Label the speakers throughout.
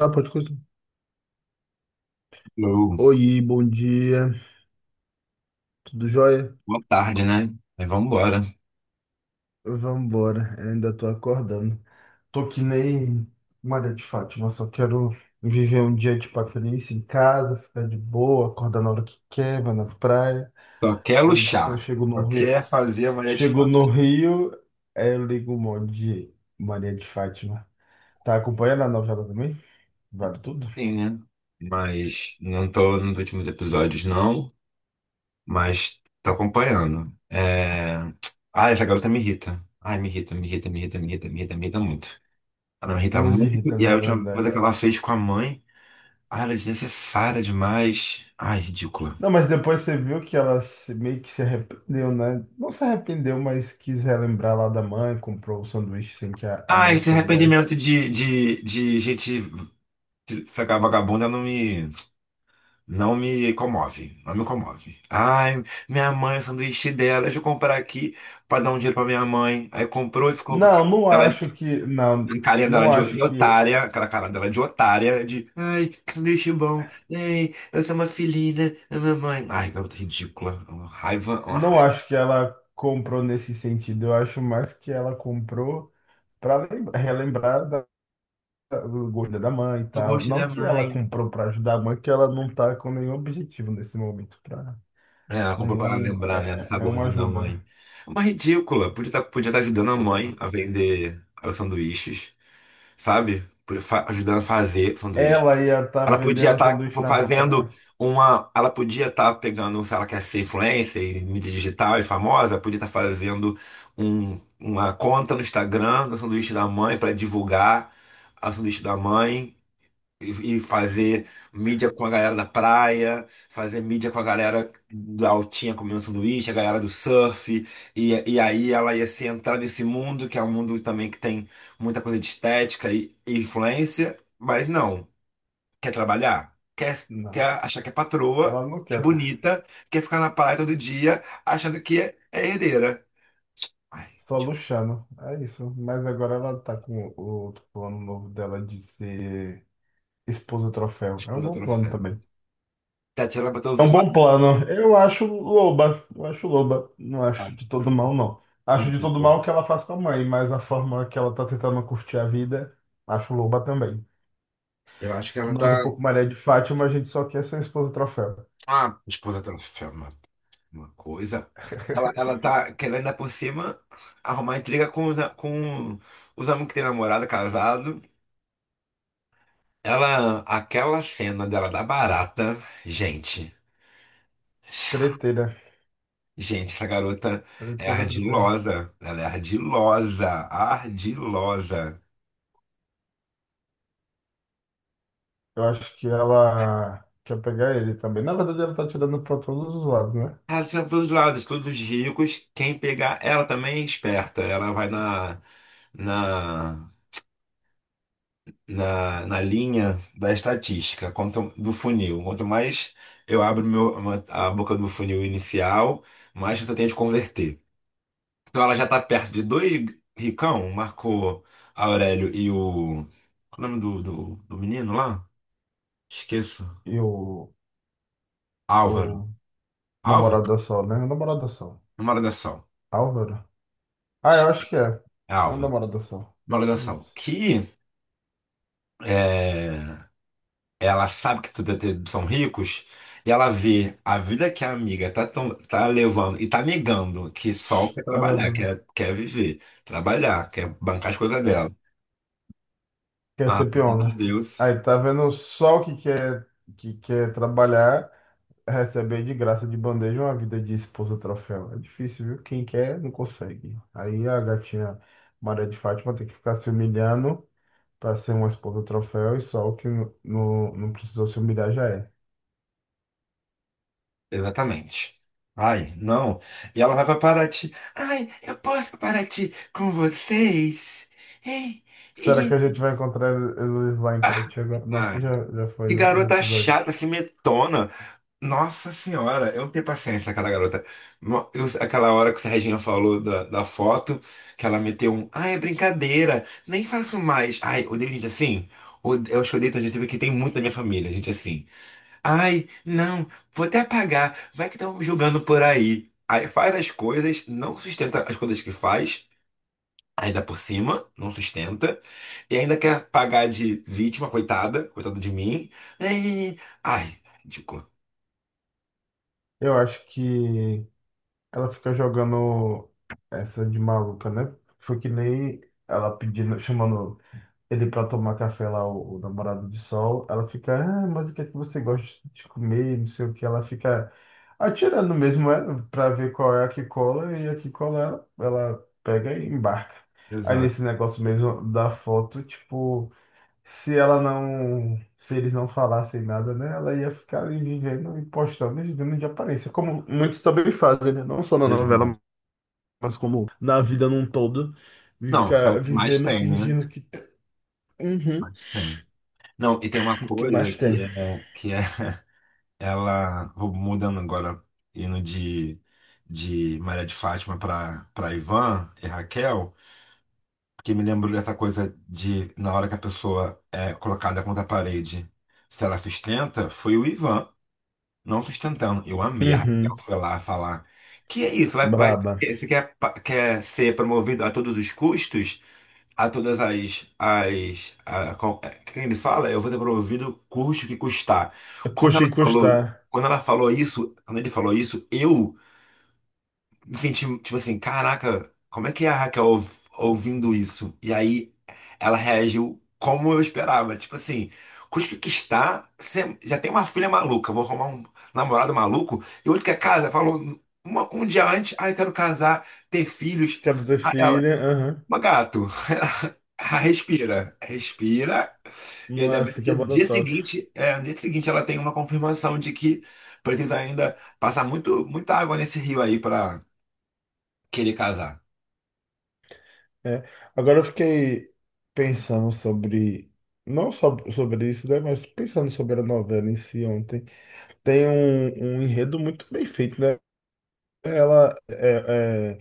Speaker 1: Ah, pode continuar.
Speaker 2: Show.
Speaker 1: Oi, bom dia, tudo jóia?
Speaker 2: Boa tarde, né? Mas vamos embora.
Speaker 1: Vambora, eu ainda tô acordando. Tô que nem Maria de Fátima, só quero viver um dia de Patrícia em casa, ficar de boa, acordar na hora que quer, vai na praia.
Speaker 2: Só quer
Speaker 1: É isso, quando eu
Speaker 2: luxar.
Speaker 1: chego
Speaker 2: Só
Speaker 1: no Rio,
Speaker 2: quer fazer a mulher de
Speaker 1: chego no
Speaker 2: fato.
Speaker 1: Rio, aí eu ligo um monte de Maria de Fátima. Tá acompanhando a novela também? Vale tudo?
Speaker 2: Sim, né? Mas não tô nos últimos episódios, não. Mas tô acompanhando. Ah, essa garota me irrita. Ai, me irrita, me irrita, me irrita, me irrita, me irrita, me irrita muito. Ela me irrita
Speaker 1: Nos
Speaker 2: muito.
Speaker 1: irrita,
Speaker 2: E
Speaker 1: na
Speaker 2: a última coisa
Speaker 1: verdade.
Speaker 2: que ela fez com a mãe. Ah, ela é desnecessária demais. Ai, ridícula.
Speaker 1: Não, mas depois você viu que ela se- meio que se arrependeu, né? Não se arrependeu, mas quis relembrar lá da mãe, comprou o sanduíche sem que a
Speaker 2: Ah,
Speaker 1: mãe
Speaker 2: esse
Speaker 1: soubesse.
Speaker 2: arrependimento de gente ficar vagabunda não me. Não me comove, não me comove. Ai, minha mãe, o sanduíche dela, deixa eu comprar aqui pra dar um dinheiro pra minha mãe. Aí comprou e ficou com a
Speaker 1: Não,
Speaker 2: cara
Speaker 1: não
Speaker 2: dela
Speaker 1: acho
Speaker 2: de,
Speaker 1: que. Não,
Speaker 2: a carinha dela
Speaker 1: não
Speaker 2: de
Speaker 1: acho que.
Speaker 2: otária, aquela cara dela de otária, de ai, que sanduíche bom, ei, eu sou uma filhinha da minha mãe. Ai, garota ridícula, uma
Speaker 1: Não
Speaker 2: raiva
Speaker 1: acho que ela comprou nesse sentido. Eu acho mais que ela comprou para relembrar do gosto da mãe e
Speaker 2: do
Speaker 1: tal.
Speaker 2: gosto
Speaker 1: Não
Speaker 2: da
Speaker 1: que ela
Speaker 2: mãe.
Speaker 1: comprou para ajudar a mãe, que ela não tá com nenhum objetivo nesse momento, para
Speaker 2: É, ela comprou para lembrar, né, do
Speaker 1: nenhuma
Speaker 2: saborzinho da
Speaker 1: ajuda.
Speaker 2: mãe. É uma ridícula. Podia tá ajudando a mãe a vender os sanduíches, sabe? Ajudando a fazer sanduíche.
Speaker 1: Ela ia estar
Speaker 2: Ela podia
Speaker 1: vendendo
Speaker 2: estar
Speaker 1: sanduíche na
Speaker 2: fazendo
Speaker 1: praia.
Speaker 2: uma. Ela podia estar pegando, se ela quer ser influencer em mídia digital e famosa, podia estar fazendo uma conta no Instagram do sanduíche da mãe para divulgar o sanduíche da mãe e fazer mídia com a galera da praia, fazer mídia com a galera da altinha comendo sanduíche, a galera do surf, e aí ela ia se entrar nesse mundo, que é um mundo também que tem muita coisa de estética e influência, mas não, quer trabalhar, quer,
Speaker 1: Não,
Speaker 2: quer achar que é patroa,
Speaker 1: ela não
Speaker 2: é
Speaker 1: quer, tá?
Speaker 2: bonita, quer ficar na praia todo dia, achando que é, é herdeira. Ai,
Speaker 1: Só
Speaker 2: tipo,
Speaker 1: Luciano. É isso. Mas agora ela tá com o outro plano novo dela de ser esposa troféu. É um
Speaker 2: disputa
Speaker 1: bom plano
Speaker 2: troféu.
Speaker 1: também.
Speaker 2: Tá tirando pra todos
Speaker 1: É um
Speaker 2: os
Speaker 1: bom
Speaker 2: lados.
Speaker 1: plano. Eu acho loba. Eu acho loba. Não acho
Speaker 2: Ai,
Speaker 1: de todo mal, não. Acho de todo
Speaker 2: ridículo.
Speaker 1: mal que ela faz com a mãe, mas a forma que ela tá tentando curtir a vida, acho loba também.
Speaker 2: Eu acho que ela
Speaker 1: Nós,
Speaker 2: tá.
Speaker 1: um pouco Maria de Fátima, a gente só quer ser esposa troféu.
Speaker 2: Ah, esposa troféu, mano. Uma coisa. Ela tá querendo ainda por cima arrumar intriga com os amigos que tem namorada, casado. Ela, aquela cena dela da barata, gente.
Speaker 1: Treteira.
Speaker 2: Gente, essa garota é
Speaker 1: Treteira, treteira.
Speaker 2: ardilosa. Ela é ardilosa, ardilosa.
Speaker 1: Eu acho que ela quer pegar ele também. Na verdade, ela tá tirando pra todos os lados, né?
Speaker 2: Ela tira pra todos os lados, todos os ricos. Quem pegar ela também é esperta. Ela vai na na linha da estatística, quanto do funil. Quanto mais eu abro meu, a boca do funil inicial, mais eu tenho de converter. Então ela já está perto de dois ricão, marcou Aurélio e o. Qual é o nome do menino lá? Esqueço.
Speaker 1: E o,
Speaker 2: Álvaro.
Speaker 1: o
Speaker 2: Álvaro?
Speaker 1: namorado da Sol, né? O namorado da Sol.
Speaker 2: Uma hora
Speaker 1: Álvaro? Ah, eu acho que é.
Speaker 2: é
Speaker 1: É o
Speaker 2: Álvaro.
Speaker 1: namorado da Sol.
Speaker 2: Uma hora
Speaker 1: Isso.
Speaker 2: que é, ela sabe que são ricos e ela vê a vida que a amiga tá levando e tá negando que só quer
Speaker 1: Tá
Speaker 2: trabalhar,
Speaker 1: levando.
Speaker 2: quer, quer viver, trabalhar, quer bancar as coisas
Speaker 1: é,
Speaker 2: dela.
Speaker 1: Quer
Speaker 2: Ah,
Speaker 1: ser
Speaker 2: pelo
Speaker 1: peão,
Speaker 2: amor de
Speaker 1: né?
Speaker 2: Deus.
Speaker 1: Aí tá vendo só o que quer trabalhar, receber de graça de bandeja uma vida de esposa troféu. É difícil, viu? Quem quer, não consegue. Aí a gatinha Maria de Fátima tem que ficar se humilhando para ser uma esposa troféu e só o que não não precisou se humilhar já é.
Speaker 2: Exatamente. Ai, não. E ela vai pra Paraty. Ai, eu posso pra Paraty com vocês? Ei,
Speaker 1: Será que
Speaker 2: e...
Speaker 1: a gente vai encontrar eles lá em
Speaker 2: ah,
Speaker 1: Paraty agora? Não,
Speaker 2: ah,
Speaker 1: aqui já foi
Speaker 2: que
Speaker 1: né, nos
Speaker 2: garota
Speaker 1: episódios.
Speaker 2: chata, que metona. Nossa senhora, eu não tenho paciência com aquela garota. Aquela hora que a Reginha falou da foto, que ela meteu um, ah, é brincadeira, nem faço mais. Ai, odeio gente assim. Eu acho que odeio tanta gente porque tem muito na minha família, gente assim. Ai, não, vou até apagar, vai que estão me julgando por aí. Aí faz as coisas, não sustenta as coisas que faz, ainda por cima, não sustenta, e ainda quer pagar de vítima, coitada, coitada de mim. Ai, ai, ridícula.
Speaker 1: Eu acho que ela fica jogando essa de maluca, né? Foi que nem ela pedindo, chamando ele para tomar café lá, o namorado de sol. Ela fica, ah, mas o que é que você gosta de comer? Não sei o que, ela fica atirando mesmo ela para ver qual é a que cola, e a que cola ela pega e embarca. Aí
Speaker 2: Exato.
Speaker 1: nesse negócio mesmo da foto, tipo, se eles não falassem nada, né, ela ia ficar ali vivendo e postando e vivendo de aparência, como muitos também fazem, né? Não só na novela, mas como na vida num todo,
Speaker 2: Não, sabe o
Speaker 1: fica
Speaker 2: que mais
Speaker 1: vivendo
Speaker 2: tem, né?
Speaker 1: fingindo que. Uhum.
Speaker 2: Mais tem. Não, e tem uma
Speaker 1: O que
Speaker 2: coisa
Speaker 1: mais tem?
Speaker 2: que é ela vou mudando agora indo de Maria de Fátima para Ivan e Raquel, que me lembrou dessa coisa de na hora que a pessoa é colocada contra a parede, se ela sustenta, foi o Ivan não sustentando. Eu amei a Raquel
Speaker 1: Uhum.
Speaker 2: foi lá falar. Que é isso? Vai, vai,
Speaker 1: Braba.
Speaker 2: você quer, quer ser promovido a todos os custos? A todas é, quem ele fala, eu vou ter promovido custe o que custar.
Speaker 1: Custe e que custar.
Speaker 2: Quando ela falou isso, quando ele falou isso, eu me senti tipo assim, caraca, como é que é a Raquel ouvindo isso? E aí ela reagiu como eu esperava, tipo assim, custe o que custar, você já tem uma filha maluca, vou arrumar um namorado maluco, e outro quer casa, falou um dia antes, ah, eu quero casar, ter filhos.
Speaker 1: Quero ter filha. Aham.
Speaker 2: Mas, gato, respira, respira. E
Speaker 1: Não é
Speaker 2: ainda bem
Speaker 1: assim que
Speaker 2: que
Speaker 1: a
Speaker 2: no
Speaker 1: banda
Speaker 2: dia
Speaker 1: toca.
Speaker 2: seguinte, é, no dia seguinte ela tem uma confirmação de que precisa ainda passar muito, muita água nesse rio aí para querer casar.
Speaker 1: É. Agora eu fiquei pensando sobre. Não só sobre isso, né? Mas pensando sobre a novela em si ontem. Tem um enredo muito bem feito, né? Ela é, é,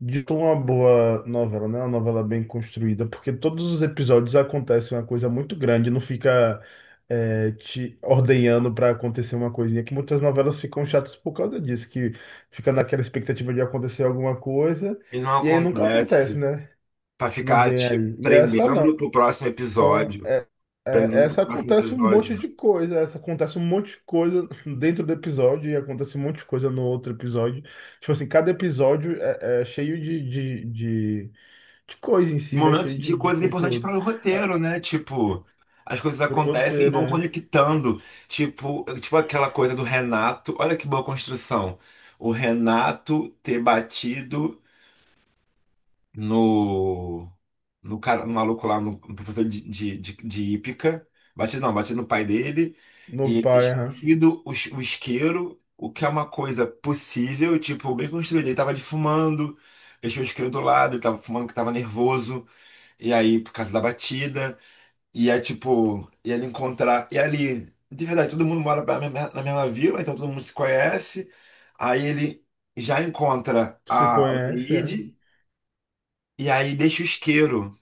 Speaker 1: De uma boa novela, né? Uma novela bem construída, porque todos os episódios acontecem uma coisa muito grande, não fica te ordenhando para acontecer uma coisinha, que muitas novelas ficam chatas por causa disso, que fica naquela expectativa de acontecer alguma coisa,
Speaker 2: E não
Speaker 1: e aí nunca acontece,
Speaker 2: acontece.
Speaker 1: né?
Speaker 2: Para
Speaker 1: Não
Speaker 2: ficar
Speaker 1: vem
Speaker 2: te
Speaker 1: aí. E essa não.
Speaker 2: prendendo pro próximo episódio.
Speaker 1: É,
Speaker 2: Prendendo
Speaker 1: essa
Speaker 2: pro próximo
Speaker 1: acontece um monte
Speaker 2: episódio.
Speaker 1: de coisa, essa acontece um monte de coisa dentro do episódio e acontece um monte de coisa no outro episódio. Tipo assim, cada episódio é cheio de coisa em
Speaker 2: De
Speaker 1: si, né?
Speaker 2: momentos
Speaker 1: Cheio
Speaker 2: de
Speaker 1: de
Speaker 2: coisas importantes
Speaker 1: conteúdo.
Speaker 2: para o
Speaker 1: Ah,
Speaker 2: roteiro, né? Tipo, as coisas acontecem e vão
Speaker 1: brother,
Speaker 2: conectando. Tipo, tipo aquela coisa do Renato. Olha que boa construção. O Renato ter batido no no cara, no maluco lá, no professor de hípica. Batido não, batido no pai dele.
Speaker 1: no
Speaker 2: E ele ter
Speaker 1: bairro,
Speaker 2: esquecido o isqueiro, o que é uma coisa possível, tipo, bem construída. Ele tava ali fumando, deixou o isqueiro do lado, ele tava fumando que tava nervoso. E aí, por causa da batida, e é tipo, e ele encontrar. E ali, de verdade, todo mundo mora na mesma vila, então todo mundo se conhece. Aí ele já encontra
Speaker 1: se
Speaker 2: a
Speaker 1: conhece, é?
Speaker 2: aldeíde, e aí deixa o isqueiro.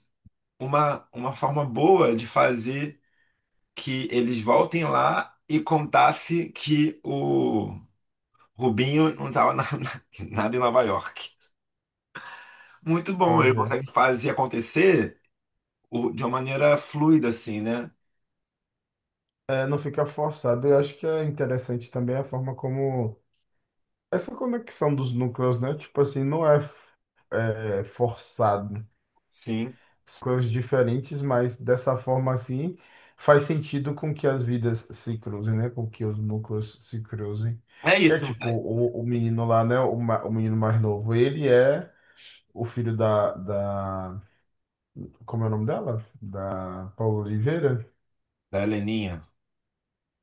Speaker 2: Uma forma boa de fazer que eles voltem lá e contasse que o Rubinho não estava nada em Nova York. Muito bom,
Speaker 1: Pois
Speaker 2: ele
Speaker 1: é.
Speaker 2: consegue fazer acontecer de uma maneira fluida, assim, né?
Speaker 1: É, não fica forçado. Eu acho que é interessante também a forma como essa conexão dos núcleos, né? Tipo assim, não é, f- é, forçado.
Speaker 2: Sim.
Speaker 1: São coisas diferentes, mas dessa forma assim faz sentido com que as vidas se cruzem, né? Com que os núcleos se cruzem.
Speaker 2: É
Speaker 1: Que é
Speaker 2: isso.
Speaker 1: tipo
Speaker 2: É
Speaker 1: o menino lá, né? O menino mais novo, ele é o filho da. Como é o nome dela? Da Paula Oliveira?
Speaker 2: da Heleninha.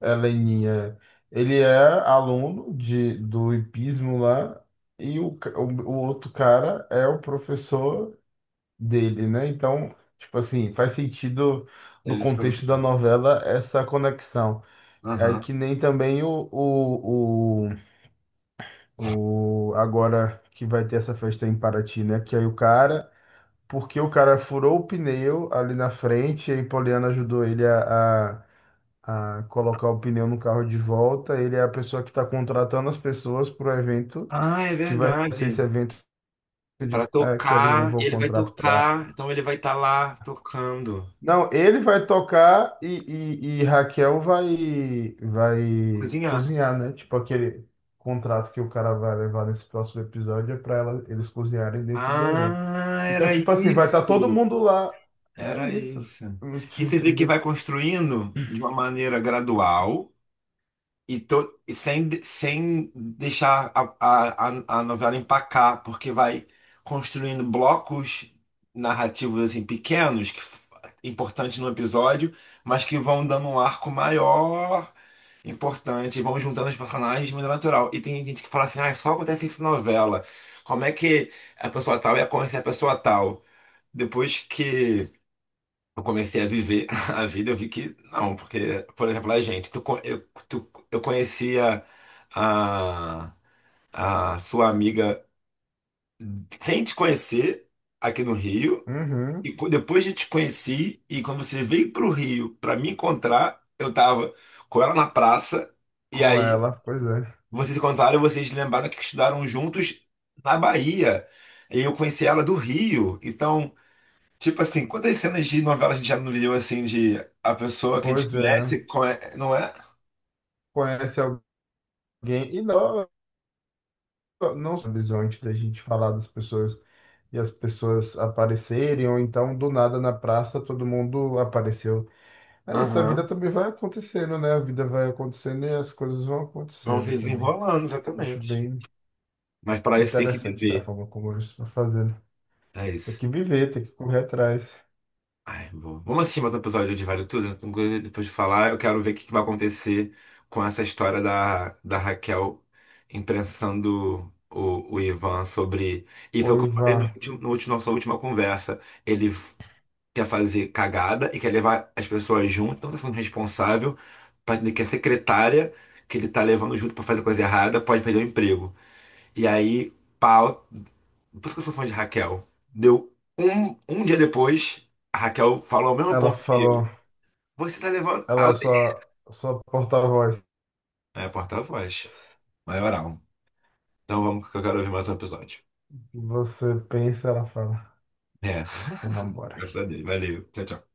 Speaker 1: É Leninha. Ele é aluno do hipismo lá, e o outro cara é o professor dele, né? Então, tipo assim, faz sentido no
Speaker 2: Ele...
Speaker 1: contexto da novela essa conexão. É
Speaker 2: Aham.
Speaker 1: que nem também o agora que vai ter essa festa em Paraty, né? Que aí o cara, porque o cara furou o pneu ali na frente, e aí Poliana ajudou ele a, a colocar o pneu no carro de volta. Ele é a pessoa que está contratando as pessoas para o evento,
Speaker 2: Ah, é
Speaker 1: que vai ser esse
Speaker 2: verdade.
Speaker 1: evento de,
Speaker 2: Pra
Speaker 1: que ele
Speaker 2: tocar,
Speaker 1: levou
Speaker 2: e
Speaker 1: o
Speaker 2: ele vai
Speaker 1: contrato para.
Speaker 2: tocar, então ele vai estar lá tocando.
Speaker 1: Não, ele vai tocar e, e Raquel vai, vai
Speaker 2: Cozinhar.
Speaker 1: cozinhar, né? Tipo aquele contrato que o cara vai levar nesse próximo episódio é para ela, eles cozinharem dentro do evento.
Speaker 2: Ah,
Speaker 1: Então,
Speaker 2: era
Speaker 1: tipo assim, vai
Speaker 2: isso.
Speaker 1: estar todo mundo lá. É
Speaker 2: Era
Speaker 1: isso.
Speaker 2: isso.
Speaker 1: Não
Speaker 2: E
Speaker 1: tinha
Speaker 2: você vê que
Speaker 1: entendido.
Speaker 2: vai construindo de uma maneira gradual. E, e sem, sem deixar a novela empacar, porque vai construindo blocos narrativos assim pequenos, importantes no episódio, mas que vão dando um arco maior, importante, e vão juntando os personagens de maneira natural. E tem gente que fala assim, ah, só acontece isso em novela. Como é que a pessoa tal ia conhecer a pessoa tal? Depois que eu comecei a viver a vida, eu vi que não, porque, por exemplo, a gente, tu, co- eu, tu, eu conhecia a, a sua amiga sem te conhecer aqui no Rio,
Speaker 1: Uhum,
Speaker 2: e depois eu te conheci, e quando você veio pro Rio para me encontrar, eu tava com ela na praça, e
Speaker 1: com
Speaker 2: aí
Speaker 1: ela, pois é.
Speaker 2: vocês se encontraram, vocês lembraram que estudaram juntos na Bahia, e eu conheci ela do Rio, então. Tipo assim, quantas cenas de novela a gente já não viu assim de a pessoa que a gente
Speaker 1: Pois é.
Speaker 2: conhece, não é?
Speaker 1: Conhece alguém. E não, não avisou antes da gente falar das pessoas e as pessoas aparecerem, ou então do nada na praça todo mundo apareceu. É isso, a vida
Speaker 2: Aham.
Speaker 1: também vai acontecendo, né? A vida vai acontecendo e as coisas vão
Speaker 2: Vão se
Speaker 1: acontecendo também.
Speaker 2: desenrolando,
Speaker 1: Acho
Speaker 2: exatamente.
Speaker 1: bem
Speaker 2: Mas para isso tem que
Speaker 1: interessante da
Speaker 2: viver.
Speaker 1: forma como eles estão fazendo.
Speaker 2: É
Speaker 1: Tem
Speaker 2: isso.
Speaker 1: que viver, tem que correr atrás.
Speaker 2: Ai, vamos assistir mais um episódio de Vale Tudo? Então, depois de falar, eu quero ver o que que vai acontecer com essa história da Raquel imprensando o Ivan sobre. E
Speaker 1: O
Speaker 2: foi o que eu falei no
Speaker 1: Ivan,
Speaker 2: último, nossa última conversa. Ele quer fazer cagada e quer levar as pessoas junto, então tá sendo responsável, que a secretária que ele tá levando junto pra fazer coisa errada pode perder o emprego. E aí, pau, por isso que eu sou fã de Raquel. Deu um dia depois, a Raquel falou o mesmo
Speaker 1: ela
Speaker 2: ponto que eu.
Speaker 1: falou,
Speaker 2: Você tá levando
Speaker 1: ela
Speaker 2: ao.
Speaker 1: é sua porta-voz.
Speaker 2: É, porta-voz, maioral. Então vamos que eu quero ouvir mais um episódio.
Speaker 1: Você pensa, ela fala,
Speaker 2: É,
Speaker 1: vamos embora.
Speaker 2: graças a Deus. Valeu. Tchau, tchau.